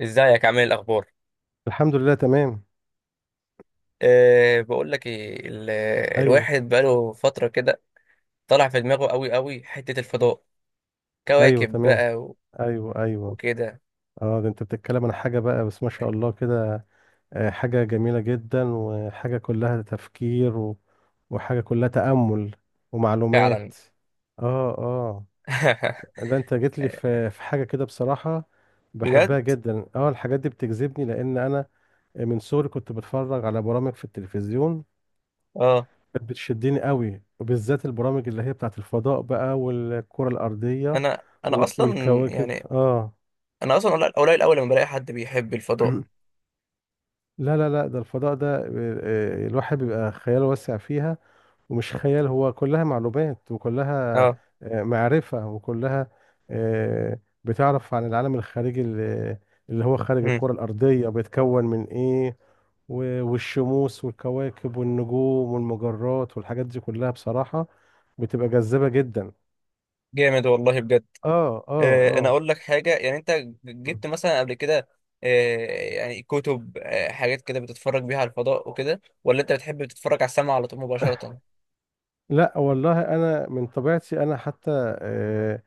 ازيك عامل إيه الاخبار؟ الحمد لله، تمام. بقول لك ايه ايوه الواحد بقاله فتره كده. طالع في دماغه قوي قوي، حته الفضاء، ايوه، كواكب تمام. بقى ايوه، ايوه. وكده. اه، ده انت بتتكلم عن حاجه بقى، بس ما شاء الله كده. حاجه جميله جدا، وحاجه كلها تفكير وحاجه كلها تامل فعلا. ومعلومات. اه، اه. ده انت جيت لي في حاجه كده بصراحه، بجد. بحبها جدا. اه، الحاجات دي بتجذبني لان انا من صغري كنت بتفرج على برامج في التلفزيون اه. كانت بتشدني قوي، وبالذات البرامج اللي هي بتاعت الفضاء بقى، والكرة الأرضية انا اصلا والكواكب، يعني، اه. انا اصلا قليل قليل اول لما بلاقي حد بيحب الفضاء. لا، ده الفضاء ده، الواحد بيبقى خياله واسع فيها، ومش خيال، هو كلها معلومات، وكلها اه. معرفة، وكلها آه، بتعرف عن العالم الخارجي اللي هو خارج مم. الكرة الأرضية، بيتكون من إيه؟ والشموس والكواكب والنجوم والمجرات والحاجات دي كلها بصراحة بتبقى جذابة جدا. جامد والله بجد. اه، اه، انا اه. اقول لك حاجه، يعني انت جبت مثلا قبل كده؟ أه يعني كتب، حاجات كده بتتفرج بيها على الفضاء وكده، ولا انت بتحب تتفرج على السماء على طول مباشره؟ لا والله انا من طبيعتي، انا حتى آه،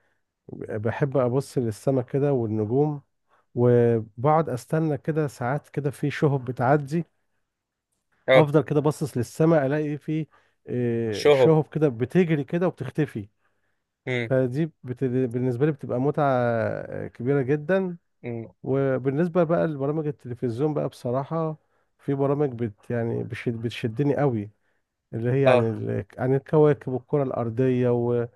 بحب ابص للسماء كده والنجوم، وبقعد استنى كده ساعات كده في شهب بتعدي. اه. افضل كده باصص للسماء الاقي في شهب. شهب كده بتجري كده وبتختفي. امم. بالنسبه لي بتبقى متعه كبيره جدا. امم. وبالنسبه بقى لبرامج التلفزيون بقى بصراحه، في برامج بتشدني قوي، اللي هي عن اه. عن الكواكب والكرة الأرضية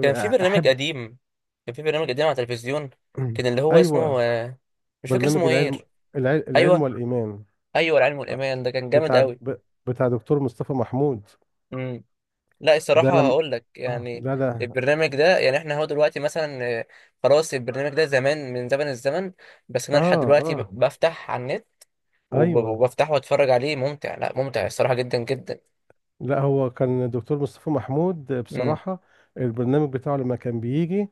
كان في برنامج قديم كان في برنامج قديم على التلفزيون، كان اللي هو اسمه، أيوة. مش فاكر برنامج اسمه ايه؟ العلم، العلم ايوه. والإيمان، ايوه، العلم والايمان ده كان جامد بتاع قوي. ب... بتاع دكتور مصطفى محمود. امم. لا، ده الصراحه لم هقول لك آه يعني، لا ده البرنامج ده يعني احنا هو دلوقتي مثلا، خلاص البرنامج ده زمان من زمن الزمن. بس انا لحد آه دلوقتي آه بفتح على النت أيوة. وبفتحه واتفرج عليه. ممتع، لا، ممتع الصراحه جدا جدا. لا هو كان دكتور مصطفى محمود امم. بصراحة، البرنامج بتاعه لما كان بيجي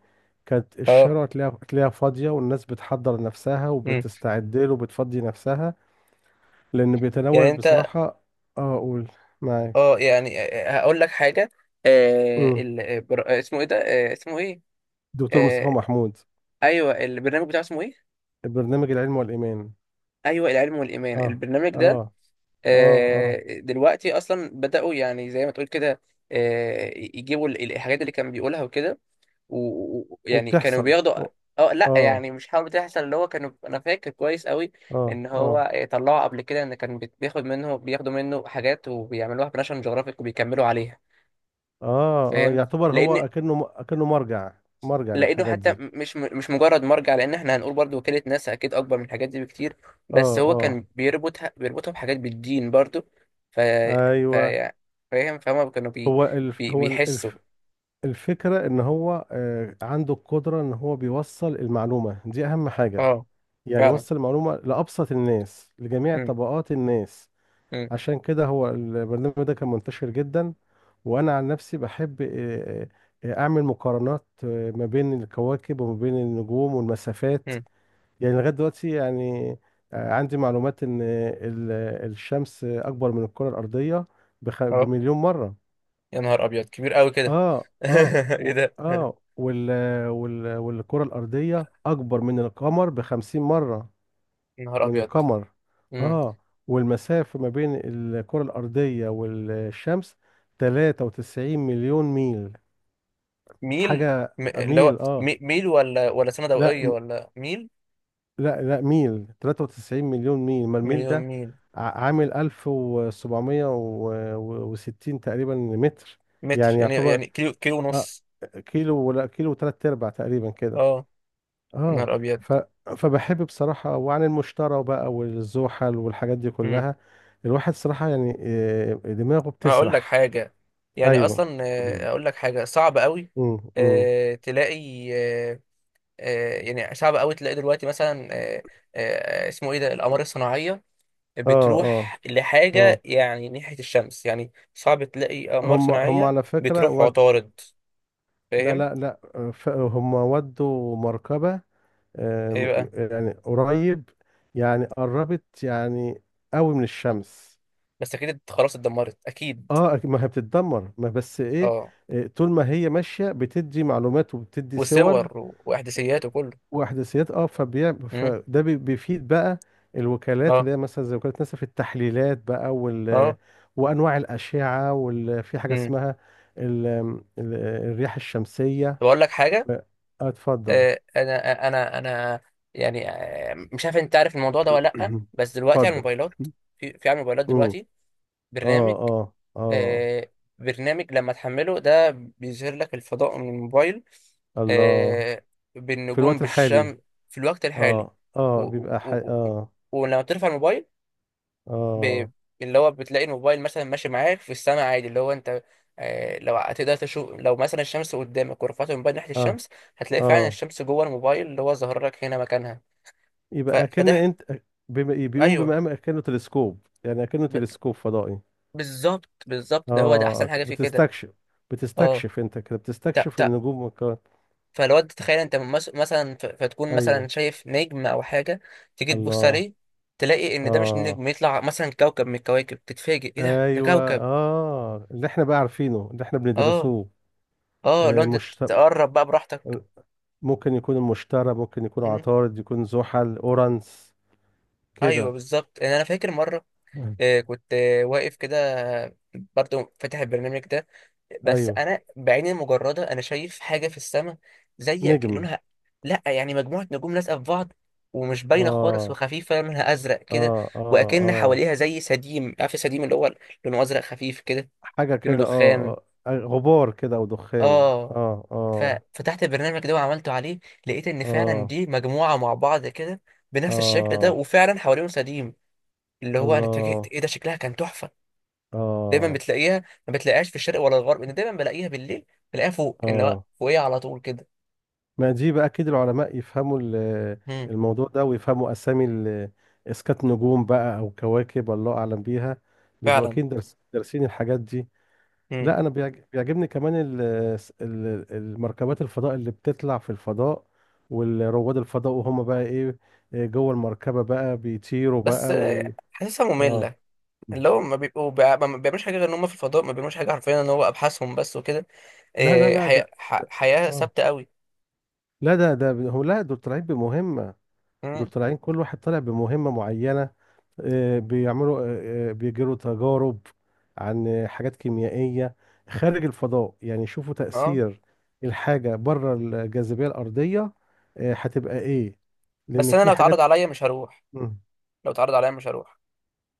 كانت اه. الشارع تلاقيها فاضية، والناس بتحضر نفسها امم. وبتستعد له وبتفضي نفسها، لأنه بيتناول يعني انت، بصراحة أقول معاك، اه، يعني، هقول لك حاجه. اسمه ايه ده؟ اسمه ايه؟ دكتور مصطفى آه. محمود، ايوه، البرنامج بتاعه اسمه ايه؟ برنامج العلم والإيمان. ايوه، العلم والايمان اه، البرنامج ده. اه، اه، اه. دلوقتي اصلا بداوا، يعني زي ما تقول كده، يجيبوا الحاجات اللي كان بيقولها وكده. ويعني كانوا وبتحصل، بياخدوا. اه، اه لا اه، يعني مش حاجه بتحصل، اللي هو كانوا، انا فاكر كويس قوي اه، ان هو، اه، طلعوا قبل كده ان كان بياخد منه، بياخدوا منه حاجات وبيعملوها بناشونال جيوغرافيك وبيكملوا عليها. اه. فاهم، يعتبر هو لان أكنه مرجع، مرجع لقيته للحاجات حتى دي. مش مش مجرد مرجع، لان احنا هنقول برضو وكالة ناسا اكيد اكبر من الحاجات دي بكتير. بس اه، هو اه، كان بيربطها بحاجات بالدين برضو. ف ف ايوه. فاهم، فهم كانوا هو الف هو ال- بيحسوا. الف الفكرة ان هو عنده القدرة ان هو بيوصل المعلومة دي، اهم حاجة، اه. يعني فعلا. يوصل المعلومة لأبسط الناس، لجميع مم. طبقات الناس. مم. عشان كده هو البرنامج ده كان منتشر جدا. وانا عن نفسي بحب، اعمل مقارنات ما بين الكواكب، وما بين النجوم والمسافات، مم. يعني لغايه دلوقتي يعني عندي معلومات ان الشمس اكبر من الكره الارضيه اه. بـ1 مليون مره. يا نهار ابيض، كبير قوي كده. اه، اه. و ايه ده؟ اه وال وال والكره الارضيه اكبر من القمر بـ50 مره، يا نهار من ابيض. القمر. مم. اه. والمسافة ما بين الكرة الأرضية والشمس 93 مليون ميل، ميل. حاجة، اللي هو ميل، اه. ميل ولا سنة لا ضوئية م- ولا ميل؟ لا لا ميل، 93 مليون ميل. ما الميل مليون ده ميل. عامل 1760 تقريبا متر، متر، يعني يعني يعتبر يعني كيلو، كيلو آه ونص. كيلو، ولا كيلو وثلاث ارباع تقريبا كده. اه. يا اه. نهار ابيض. ف... فبحب بصراحة. وعن المشترى بقى والزحل والحاجات دي مم. كلها، الواحد صراحة يعني دماغه هقول لك بتسرح. حاجة، يعني ايوه. أصلا، أقول لك حاجة صعب قوي امم امم تلاقي، يعني صعب قوي تلاقي دلوقتي مثلا، اسمه إيه ده، الأقمار الصناعية اه، اه، بتروح لحاجة اه. يعني ناحية الشمس، يعني صعب تلاقي أقمار هم صناعية على فكرة بتروح عطارد. لا، فاهم؟ لا، لا. هم ودوا مركبة، إيه بقى؟ يعني قريب، يعني قربت، يعني قوي من الشمس. بس أكيد خلاص اتدمرت أكيد. اه، ما هي بتتدمر، ما بس ايه، أه. طول ما هي ماشية بتدي معلومات وبتدي صور وصور وإحداثيات وكله. واحداثيات، اه. أمم. بيفيد بقى الوكالات أه اللي هي مثلا زي وكاله ناسا، في التحليلات بقى، أه. وانواع الاشعه، في حاجه أمم. اسمها ال... ال... الرياح الشمسيه طب أقول لك حاجة، و... آه، اتفضل. انا يعني، مش عارف انت عارف الموضوع ده ولا لا، بس دلوقتي على اتفضل. الموبايلات، في على الموبايلات امم، دلوقتي اه، برنامج، اه، اه. آه، برنامج لما تحمله ده بيظهر لك الفضاء من الموبايل، الله. آه، في بالنجوم الوقت الحالي. بالشمس في الوقت الحالي. اه، و اه، و و و- اه، ولما بترفع الموبايل، ب... اه، اللي هو بتلاقي الموبايل مثلا ماشي معاك في السماء عادي. اللي هو انت، لو هتقدر تشوف، لو مثلا الشمس قدامك ورفعت الموبايل ناحية اه، الشمس، هتلاقي فعلا اه. الشمس جوه الموبايل اللي هو ظاهر لك هنا مكانها. يبقى كأن فده، انت بيقوم ايوه، بمقام كأنه تلسكوب، يعني كأنه ب... تلسكوب فضائي. بالظبط بالظبط، ده هو، ده احسن اه، حاجة في كده. بتستكشف، اه. بتستكشف انت كده، تا بتستكشف تا. النجوم والكواكب. فالواد تخيل انت، مثلا، فتكون مثلا ايوه. شايف نجم او حاجة، تيجي تبص الله. عليه، تلاقي ان ده مش اه، نجم، يطلع مثلا كوكب من الكواكب، تتفاجئ ايه ده، ده ايوه، كوكب. اه، اللي احنا بقى عارفينه، اللي احنا اه. بندرسوه. اه لو آه، انت مشت... تقرب بقى براحتك. ممكن يكون المشتري، ممكن يكون عطارد، يكون زحل، اورانس ايوه كده. بالظبط، ان انا فاكر مره، مم. كنت واقف كده، آه، برضو فاتح البرنامج ده. بس ايوه، انا بعيني المجرده انا شايف حاجه في السماء، زي، نجم. لونها، لا يعني مجموعه نجوم لازقه في بعض، ومش باينه خالص اه، وخفيفه، لونها ازرق اه، كده، اه، واكن اه، حواليها زي سديم، عارف السديم اللي هو لونه ازرق خفيف كده، حاجه لونه كده، دخان. اه، غبار كده او دخان، اه. اه، اه، ففتحت البرنامج ده وعملته عليه، لقيت ان فعلا اه، دي مجموعه مع بعض كده بنفس الشكل ده، اه. وفعلا حواليهم سديم. اللي هو انا اتفاجئت الله، ايه ده، شكلها كان تحفه. دايما اه، بتلاقيها، ما بتلاقيهاش في الشرق ولا الغرب، انا دايما بلاقيها بالليل، بلاقيها فوق، ان هو اه. فوقيها على طول كده. ما دي بقى كده العلماء يفهموا امم. الموضوع ده ويفهموا أسامي إسكات نجوم بقى أو كواكب الله أعلم بيها، بيبقوا فعلا. أكيد درس دارسين الحاجات دي. امم. لا أنا بيعجبني كمان المركبات الفضاء اللي بتطلع في الفضاء، والرواد الفضاء، وهم بقى إيه، إيه جوه المركبة بقى بيطيروا بس بقى. و حاسسها آه ممله، اللي هو ما بيبقوا ما بيعملوش حاجه غير ان هم في الفضاء، ما بيعملوش حاجه حرفيا، ان هو ابحاثهم بس وكده. لا لا إيه، لا حياه ده حياه آه ثابته قوي. لا ده ده هو لا دول طالعين بمهمة، دول امم. طالعين كل واحد طالع بمهمة معينة، بيعملوا، بيجروا تجارب عن حاجات كيميائية خارج الفضاء، يعني شوفوا اه. تأثير الحاجة بره الجاذبية الأرضية، هتبقى إيه، لأن بس انا في لو حاجات. اتعرض عليا مش هروح. مم. لو اتعرض عليا مش هروح.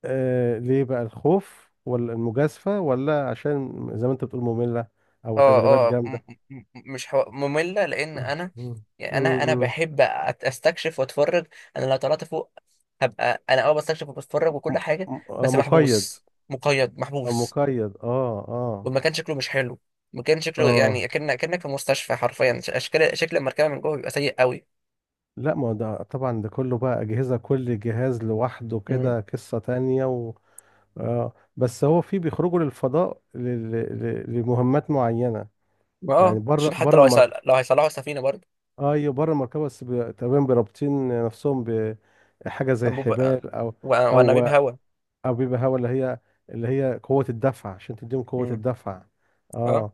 ليه بقى؟ الخوف ولا المجازفة، ولا عشان زي ما أنت بتقول مملة أو تدريبات اه اه. جامدة؟ م- مش حو... مملة، لأن مم، أنا مم، يعني، أنا مم. بحب أستكشف وأتفرج. أنا لو طلعت فوق، هبقى أنا أه بستكشف وبتفرج م- وكل حاجة. بس مقيد، محبوس، مقيد، محبوس. مقيد، اه، اه، والمكان شكله مش حلو. المكان شكله يعني، اه. أكنك في مستشفى حرفيا. أشكال، شكل المركبة من جوه بيبقى سيء قوي. لا، ما هو ده طبعا، ده كله بقى أجهزة، كل جهاز لوحده مم. كده قصة تانية و... آه بس هو في بيخرجوا للفضاء لمهمات معينة، يعني اه، عشان بره، حتى بره لو المركبة. لو هيصلحوا السفينة برضه، ايوه بره المركبة، بس تقريبا برابطين نفسهم بحاجة زي أنبوب، حبال أو، أو وأنابيب هوا. بيبقى هوا، اللي هي، اللي هي قوة الدفع، عشان تديهم قوة مم. الدفع. اه. اه.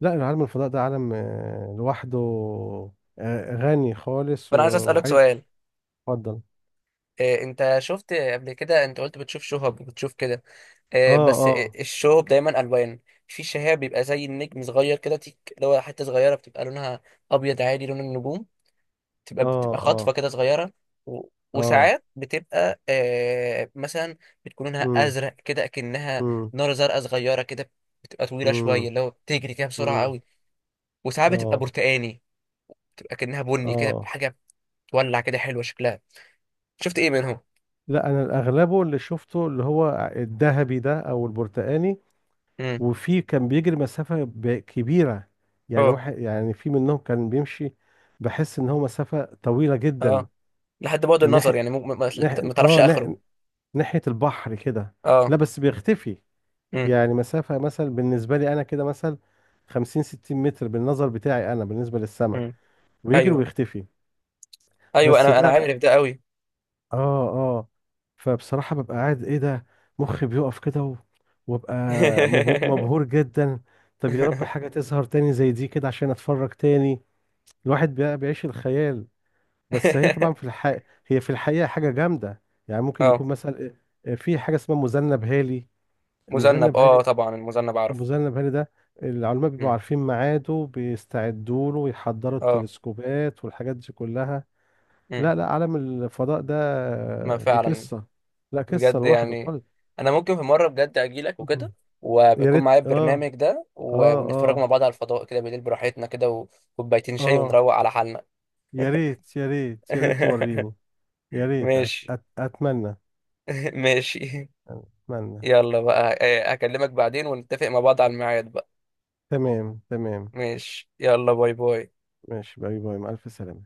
لا العالم الفضاء ده عالم لوحده، غني خالص فأنا عايز أسألك وعايز، سؤال، اتفضل. إيه، أنت شفت قبل كده، أنت قلت بتشوف شهب وبتشوف كده، اه، بس اه، الشو دايما الوان. في شهاب بيبقى زي النجم صغير كده تيك، اللي هو حته صغيره بتبقى لونها ابيض عادي لون النجوم، بتبقى اه، خاطفه اه، كده صغيره، و... اه، وساعات بتبقى آه مثلا بتكون لونها امم، ازرق كده اكنها امم، نار زرقاء صغيره كده، بتبقى طويله شويه، امم، اللي هو بتجري كده بسرعه امم، قوي. وساعات بتبقى اه، برتقاني، بتبقى كأنها بني كده اه. حاجه، بتولع كده، حلوه شكلها. شفت ايه منهم؟ لا انا الاغلبه اللي شفته اللي هو الذهبي ده او البرتقاني. امم. وفي كان بيجري مسافة كبيرة، يعني اه واحد، يعني في منهم كان بيمشي بحس ان هو مسافة طويلة جدا، اه. لحد بعد النظر ناحية، يعني، مو... ما... ما ما ناحية، تعرفش اه، اخره. ناحية، ناحية البحر كده. اه. لا، بس بيختفي، يعني مسافة مثلا بالنسبة لي انا كده، مثلا 50 60 متر بالنظر بتاعي انا بالنسبة للسماء، امم. ويجري ايوه. ويختفي. ايوه بس انا ده، عارف ده قوي. اه، اه، فبصراحة ببقى قاعد ايه ده، مخي بيقف كده وببقى مبهور جدا. طب يا رب حاجة تظهر تاني زي دي كده عشان اتفرج تاني، الواحد بيعيش الخيال. بس هي طبعا في الحقيقة، هي في الحقيقة حاجة جامدة، يعني ممكن اه. يكون مثلا في حاجة اسمها مذنب هالي، مذنب، المذنب اه هالي، طبعا، المذنب عارف. المذنب هالي ده العلماء بيبقوا مم. عارفين ميعاده، بيستعدوا له ويحضروا اه. التلسكوبات والحاجات دي كلها. مم. لا، عالم الفضاء ده ما دي فعلا. قصة، لا قصة بجد لوحده يعني، خالص. انا ممكن في مره بجد اجي لك مم. وكده، يا وبيكون ريت، معايا اه، البرنامج ده اه، ونتفرج مع اه، بعض على الفضاء كده بالليل براحتنا كده، وكوبايتين شاي اه. ونروق على حالنا. يا ريت، يا ريت، يا ريت توريني. يا ريت أت ماشي. أت أتمنى. ماشي. أتمنى. يلا بقى، هكلمك بعدين ونتفق مع بعض على الميعاد بقى. تمام، تمام. ماشي، يلا باي باي. ماشي، باي باي، مع ألف سلامة.